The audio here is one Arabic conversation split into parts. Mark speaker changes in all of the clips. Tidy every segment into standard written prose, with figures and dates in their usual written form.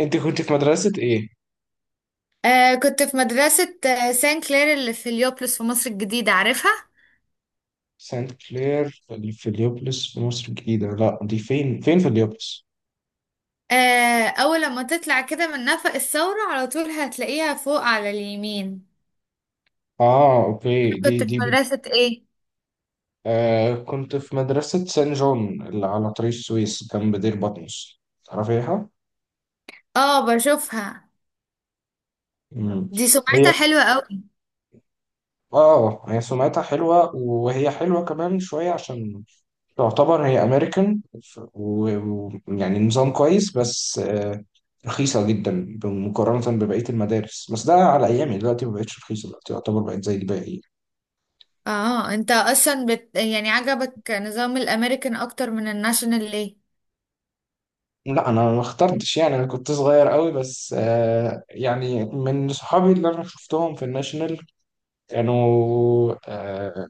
Speaker 1: انت كنت في مدرسة ايه؟
Speaker 2: كنت في مدرسة سان كلير اللي في اليوبلس في مصر الجديدة، عارفها؟
Speaker 1: سانت كلير في اليوبلس في مصر الجديدة، لا دي فين؟ فين في اليوبلس؟
Speaker 2: آه، أول لما تطلع كده من نفق الثورة على طول هتلاقيها فوق على اليمين.
Speaker 1: اه اوكي دي
Speaker 2: كنت في
Speaker 1: دي
Speaker 2: مدرسة إيه؟
Speaker 1: آه كنت في مدرسة سان جون اللي على طريق السويس جنب دير بطمس، تعرفيها؟
Speaker 2: آه، بشوفها.
Speaker 1: مم.
Speaker 2: دي
Speaker 1: هي
Speaker 2: سمعتها حلوة قوي.
Speaker 1: اه هي سمعتها حلوة، وهي حلوة كمان شوية عشان تعتبر هي امريكان، ويعني نظام كويس، بس رخيصة جدا مقارنة ببقية المدارس. بس ده على أيامي، دلوقتي مبقتش رخيصة، دلوقتي يعتبر بقت زي الباقي.
Speaker 2: آه، أنت أصلا يعني عجبك نظام الأمريكان أكتر من الناشونال ليه؟
Speaker 1: لا أنا ما اخترتش، يعني أنا كنت صغير قوي، بس يعني من صحابي اللي أنا شفتهم في الناشونال كانوا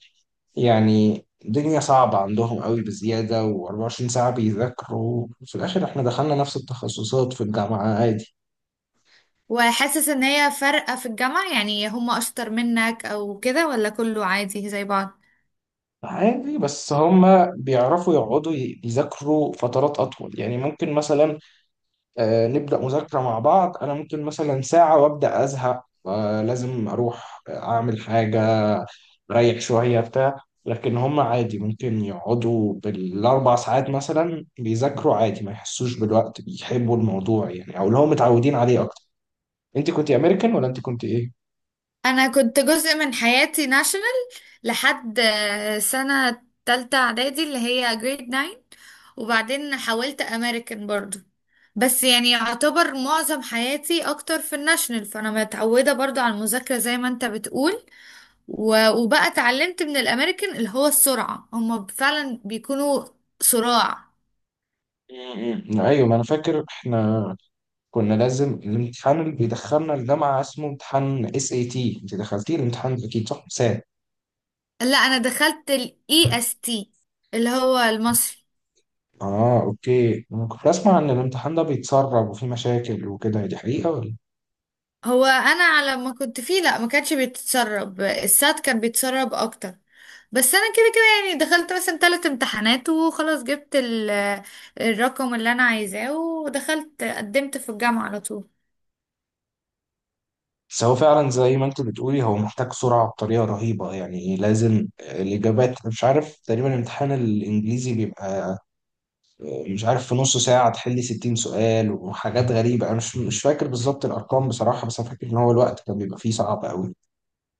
Speaker 1: يعني الدنيا صعبة عندهم قوي بزيادة، و24 ساعة بيذاكروا. في الآخر إحنا دخلنا نفس التخصصات في الجامعة عادي.
Speaker 2: وحاسس إن هي فارقة في الجامعة، يعني هم أشطر منك أو كده ولا كله عادي زي بعض؟
Speaker 1: عادي، بس هما بيعرفوا يقعدوا يذاكروا فترات أطول. يعني ممكن مثلا نبدأ مذاكرة مع بعض، أنا ممكن مثلا ساعة وأبدأ أزهق، لازم أروح أعمل حاجة، ريح شوية بتاع. لكن هما عادي ممكن يقعدوا بالأربع ساعات مثلا بيذاكروا عادي، ما يحسوش بالوقت، بيحبوا الموضوع يعني، أو اللي هم متعودين عليه أكتر. أنت كنت أمريكان ولا أنت كنت إيه؟
Speaker 2: انا كنت جزء من حياتي ناشونال لحد سنة تالتة اعدادي اللي هي جريد 9، وبعدين حولت امريكان برضو. بس يعني يعتبر معظم حياتي اكتر في الناشونال، فانا متعودة برضو على المذاكرة زي ما انت بتقول. وبقى اتعلمت من الامريكان اللي هو السرعة، هما فعلا بيكونوا صراع.
Speaker 1: م- م. أيوة ما أنا فاكر إحنا كنا لازم الامتحان اللي بيدخلنا الجامعة اسمه امتحان اس اي تي، انت دخلتيه الامتحان ده اكيد، صح؟ سات.
Speaker 2: لا انا دخلت الاي اس تي، اللي هو المصري.
Speaker 1: اه اوكي، انا كنت اسمع ان الامتحان ده بيتسرب وفي مشاكل وكده، دي حقيقة ولا؟
Speaker 2: هو انا على ما كنت فيه لا ما كانش بيتسرب، السات كان بيتسرب اكتر. بس انا كده كده يعني دخلت مثلا 3 امتحانات وخلاص، جبت الرقم اللي انا عايزاه، ودخلت قدمت في الجامعة على طول.
Speaker 1: بس هو فعلا زي ما انت بتقولي هو محتاج سرعة بطريقة رهيبة. يعني لازم الإجابات، أنا مش عارف، تقريبا الامتحان الإنجليزي بيبقى مش عارف في نص ساعة تحلي 60 سؤال وحاجات غريبة. أنا مش فاكر بالظبط الأرقام بصراحة، بس أنا فاكر إن هو الوقت كان بيبقى فيه صعب أوي.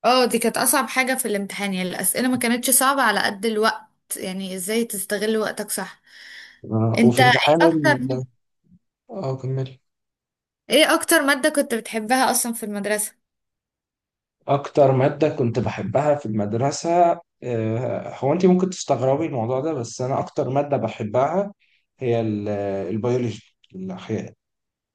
Speaker 2: اه دي كانت اصعب حاجة في الامتحان، يعني الاسئلة ما كانتش صعبة على قد الوقت، يعني ازاي تستغل وقتك صح. انت
Speaker 1: وفي
Speaker 2: ايه
Speaker 1: امتحان
Speaker 2: اكتر
Speaker 1: ال... اه كمل.
Speaker 2: ايه اكتر مادة كنت بتحبها اصلا في المدرسة؟
Speaker 1: أكتر مادة كنت بحبها في المدرسة هو أنت ممكن تستغربي الموضوع ده، بس أنا أكتر مادة بحبها هي البيولوجي، الأحياء.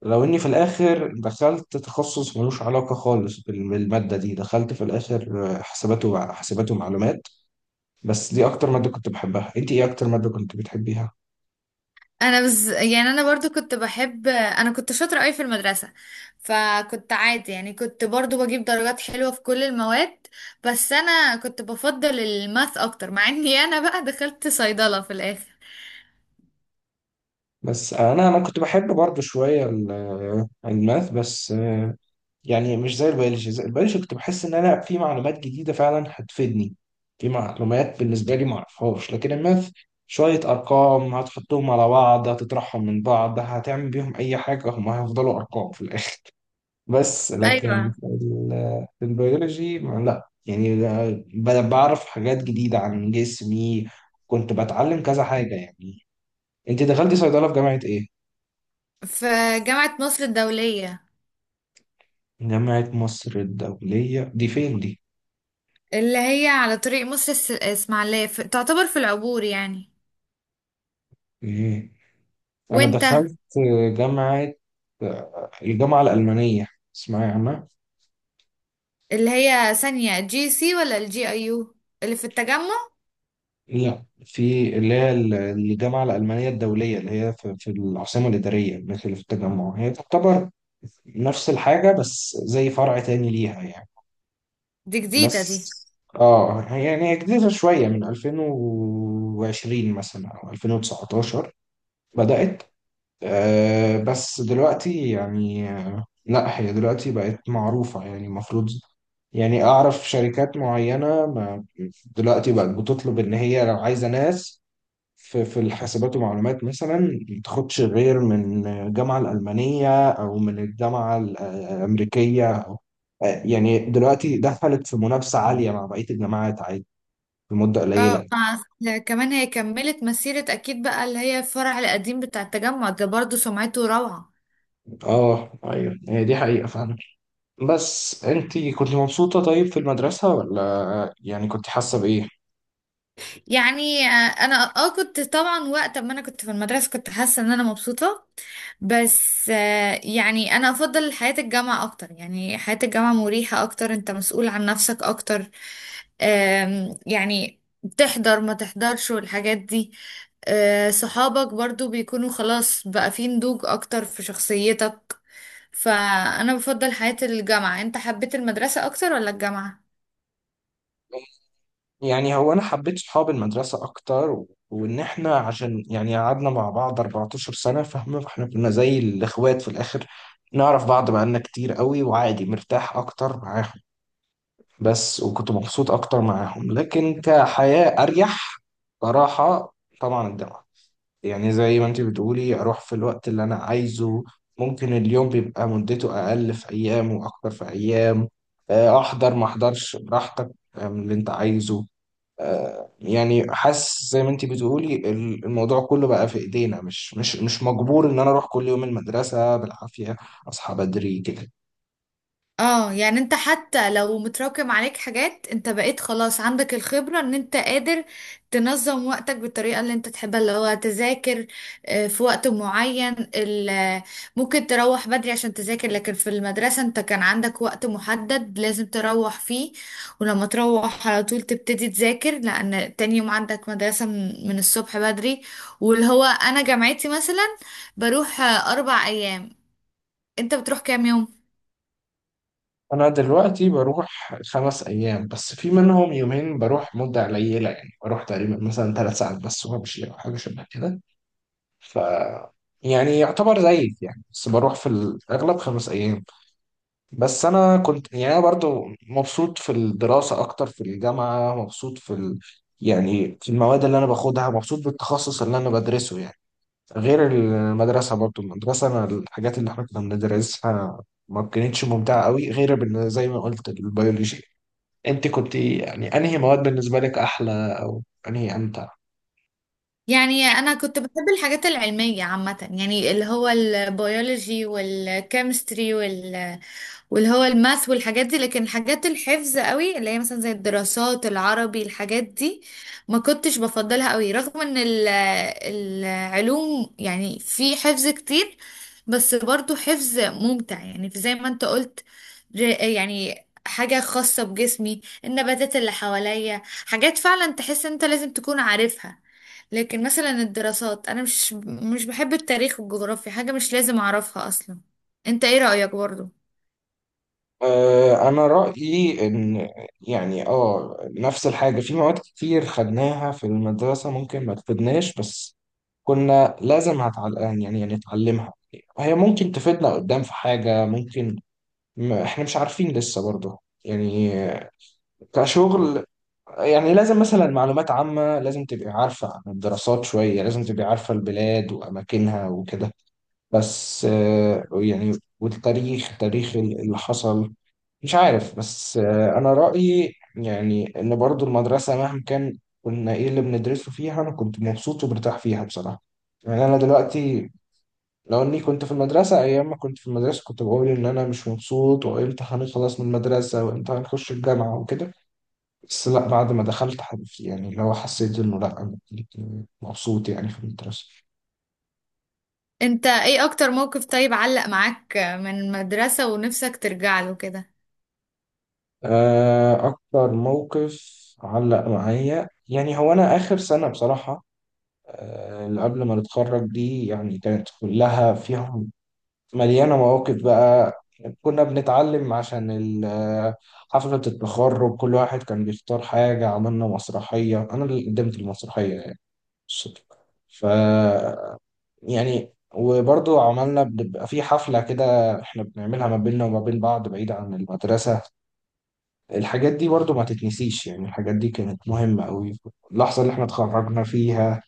Speaker 1: لو إني في الآخر دخلت تخصص ملوش علاقة خالص بالمادة دي، دخلت في الآخر حسابات حسابات ومعلومات. بس دي أكتر مادة كنت بحبها. أنت إيه أكتر مادة كنت بتحبيها؟
Speaker 2: انا بس يعني انا برضو كنت بحب، انا كنت شاطره قوي في المدرسه، فكنت عادي يعني كنت برضو بجيب درجات حلوه في كل المواد. بس انا كنت بفضل الماث اكتر، مع اني انا بقى دخلت صيدله في الاخر.
Speaker 1: بس أنا كنت بحب برضه شوية الماث، بس يعني مش زي البيولوجي. زي البيولوجي كنت بحس ان انا في معلومات جديده فعلا هتفيدني، في معلومات بالنسبه لي ما اعرفهاش. لكن الماث شويه ارقام هتحطهم على بعض، هتطرحهم من بعض، هتعمل بيهم اي حاجه هم هيفضلوا ارقام في الاخر. بس
Speaker 2: ايوه،
Speaker 1: لكن في في البيولوجي لا، يعني بعرف حاجات جديده عن جسمي، كنت بتعلم كذا حاجه يعني. انت دخلتي صيدله في جامعه ايه؟
Speaker 2: في جامعه مصر الدوليه.
Speaker 1: جامعه مصر الدوليه دي فين دي؟
Speaker 2: اللي هي على طريق مصر الاسماعيليه، في... تعتبر في العبور يعني.
Speaker 1: ايه؟ أنا
Speaker 2: وانت؟
Speaker 1: دخلت جامعة، الجامعة الألمانية، اسمها عنها.
Speaker 2: اللي هي ثانيه جي سي ولا الجي اي يو، اللي في التجمع؟
Speaker 1: لا في اللي هي الجامعة الألمانية الدولية اللي هي في العاصمة الإدارية، مش اللي في التجمع. هي تعتبر نفس الحاجة، بس زي فرع تاني ليها يعني.
Speaker 2: دي جديده دي.
Speaker 1: بس اه يعني هي جديدة شوية، من 2020 مثلا أو 2019 بدأت. آه بس دلوقتي يعني، لا هي دلوقتي بقت معروفة، يعني المفروض، يعني أعرف شركات معينة، ما دلوقتي بقت بتطلب إن هي لو عايزة ناس في الحاسبات ومعلومات مثلا، ما تاخدش غير من الجامعة الألمانية أو من الجامعة الأمريكية أو، يعني دلوقتي دخلت في منافسة عالية مع بقية الجامعات عادي، في مدة
Speaker 2: اه
Speaker 1: قليلة.
Speaker 2: كمان هي كملت مسيرة اكيد بقى، اللي هي الفرع القديم بتاع التجمع ده، برضو سمعته روعة.
Speaker 1: اه ايوه، هي دي حقيقة فعلا. بس انتي كنت مبسوطة طيب في المدرسة، ولا يعني كنت حاسة بإيه؟
Speaker 2: يعني انا كنت طبعا وقت ما انا كنت في المدرسه كنت حاسه ان انا مبسوطه. بس يعني انا افضل حياه الجامعه اكتر، يعني حياه الجامعه مريحه اكتر، انت مسؤول عن نفسك اكتر. يعني تحضر ما تحضرش والحاجات دي. صحابك برضو بيكونوا خلاص بقى في نضوج اكتر في شخصيتك. فانا بفضل حياه الجامعه. انت حبيت المدرسه اكتر ولا الجامعه؟
Speaker 1: يعني هو انا حبيت صحاب المدرسه اكتر، وان احنا عشان يعني قعدنا مع بعض 14 سنه، فاهمه؟ فاحنا كنا زي الاخوات في الاخر، نعرف بعض بقالنا كتير قوي، وعادي مرتاح اكتر معاهم. بس وكنت مبسوط اكتر معاهم، لكن كحياه اريح صراحه، طبعا الجامعه يعني زي ما انت بتقولي، اروح في الوقت اللي انا عايزه. ممكن اليوم بيبقى مدته اقل في ايام واكتر في ايام. احضر ما احضرش براحتك، من اللي انت عايزه. يعني حاسس زي ما انت بتقولي الموضوع كله بقى في ايدينا. مش مجبور ان انا اروح كل يوم المدرسة بالعافية، اصحى بدري كده.
Speaker 2: اه يعني انت حتى لو متراكم عليك حاجات انت بقيت خلاص عندك الخبرة ان انت قادر تنظم وقتك بالطريقة اللي انت تحبها، اللي هو تذاكر في وقت معين، ممكن تروح بدري عشان تذاكر، لكن في المدرسة انت كان عندك وقت محدد لازم تروح فيه. ولما تروح على طول تبتدي تذاكر لان تاني يوم عندك مدرسة من الصبح بدري. واللي هو انا جامعتي مثلا بروح 4 ايام. انت بتروح كام يوم؟
Speaker 1: انا دلوقتي بروح خمس ايام، بس في منهم يومين بروح مدة قليلة. يعني بروح تقريبا مثلا ثلاث ساعات بس وامشي او حاجة شبه كده. ف يعني يعتبر زيك يعني، بس بروح في الاغلب خمس ايام. بس انا كنت يعني، انا برضو مبسوط في الدراسه اكتر في الجامعه، مبسوط في ال... يعني في المواد اللي انا باخدها، مبسوط بالتخصص اللي انا بدرسه يعني، غير المدرسه. برضو المدرسه انا، الحاجات اللي احنا كنا بندرسها ما كانتش ممتعه قوي، غير زي ما قلت البيولوجي. انت كنت يعني انهي مواد بالنسبه لك احلى او انهي امتع؟
Speaker 2: يعني انا كنت بحب الحاجات العلميه عامه، يعني اللي هو البيولوجي والكيمستري واللي هو الماث والحاجات دي. لكن الحاجات الحفظ قوي اللي هي مثلا زي الدراسات العربي، الحاجات دي ما كنتش بفضلها قوي، رغم ان العلوم يعني في حفظ كتير، بس برضو حفظ ممتع يعني زي ما انت قلت. يعني حاجة خاصة بجسمي، النباتات اللي حواليا، حاجات فعلا تحس انت لازم تكون عارفها. لكن مثلا الدراسات انا مش بحب التاريخ والجغرافيا، حاجة مش لازم اعرفها اصلا. انت ايه رأيك برضو؟
Speaker 1: أنا رأيي إن يعني آه نفس الحاجة، في مواد كتير خدناها في المدرسة ممكن ما تفيدناش، بس كنا لازم يعني يعني نتعلمها. هي ممكن تفيدنا قدام في حاجة ممكن، م... إحنا مش عارفين لسه برضه، يعني كشغل يعني. لازم مثلا معلومات عامة لازم تبقي عارفة عن الدراسات شوية، لازم تبقي عارفة البلاد وأماكنها وكده. بس يعني والتاريخ، تاريخ اللي حصل، مش عارف. بس انا رأيي يعني ان برضو المدرسة مهما كان كنا ايه اللي بندرسه فيها انا كنت مبسوط ومرتاح فيها بصراحة. يعني انا دلوقتي لو اني كنت في المدرسة، ايام ما كنت في المدرسة كنت بقول ان انا مش مبسوط، وامتى هنخلص من المدرسة وامتى هنخش الجامعة وكده. بس لا، بعد ما دخلت يعني لو حسيت انه لا انا مبسوط يعني في المدرسة.
Speaker 2: انت ايه اكتر موقف طيب علق معاك من المدرسة ونفسك ترجع له كده؟
Speaker 1: اكتر موقف علق معايا، يعني هو انا اخر سنة بصراحة، اللي قبل ما نتخرج دي، يعني كانت كلها فيهم، مليانة مواقف بقى. كنا بنتعلم عشان حفلة التخرج، كل واحد كان بيختار حاجة، عملنا مسرحية، أنا اللي قدمت المسرحية يعني، الصدفة. ف يعني وبرضو عملنا بنبقى في حفلة كده احنا بنعملها ما بيننا وما بين بعض بعيد عن المدرسة. الحاجات دي برضو ما تتنسيش، يعني الحاجات دي كانت مهمة قوي، اللحظة اللي احنا اتخرجنا فيها،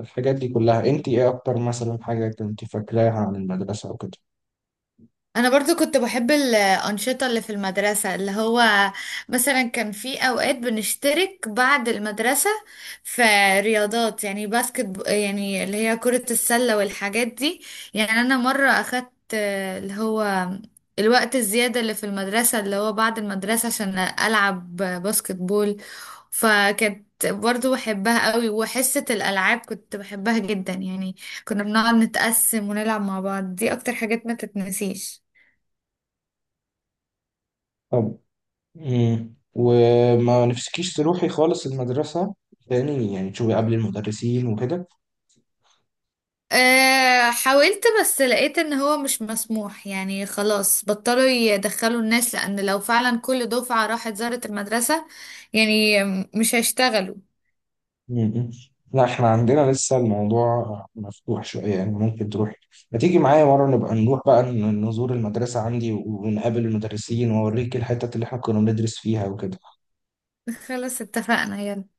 Speaker 1: الحاجات دي كلها. انت ايه اكتر مثلا حاجة كنت فاكراها عن المدرسة او كده؟
Speaker 2: انا برضو كنت بحب الانشطه اللي في المدرسه، اللي هو مثلا كان في اوقات بنشترك بعد المدرسه في رياضات، يعني يعني اللي هي كره السله والحاجات دي. يعني انا مره اخدت اللي هو الوقت الزياده اللي في المدرسه اللي هو بعد المدرسه عشان العب باسكت بول. فكانت برضو بحبها قوي، وحصه الالعاب كنت بحبها جدا يعني. كنا بنقعد نتقسم ونلعب مع بعض، دي اكتر حاجات ما تتنسيش.
Speaker 1: طب مم. وما نفسكيش تروحي خالص المدرسة تاني يعني، تشوفي قبل المدرسين وكده؟
Speaker 2: أه حاولت، بس لقيت ان هو مش مسموح، يعني خلاص بطلوا يدخلوا الناس، لان لو فعلا كل دفعة راحت زارت المدرسة يعني مش هيشتغلوا.
Speaker 1: مم. لا احنا عندنا لسه الموضوع مفتوح شوية، يعني ممكن تروحي، ما تيجي معايا مرة نبقى نروح بقى نزور المدرسة عندي ونقابل المدرسين واوريك الحتت اللي احنا كنا بندرس فيها وكده.
Speaker 2: خلاص اتفقنا، يلا.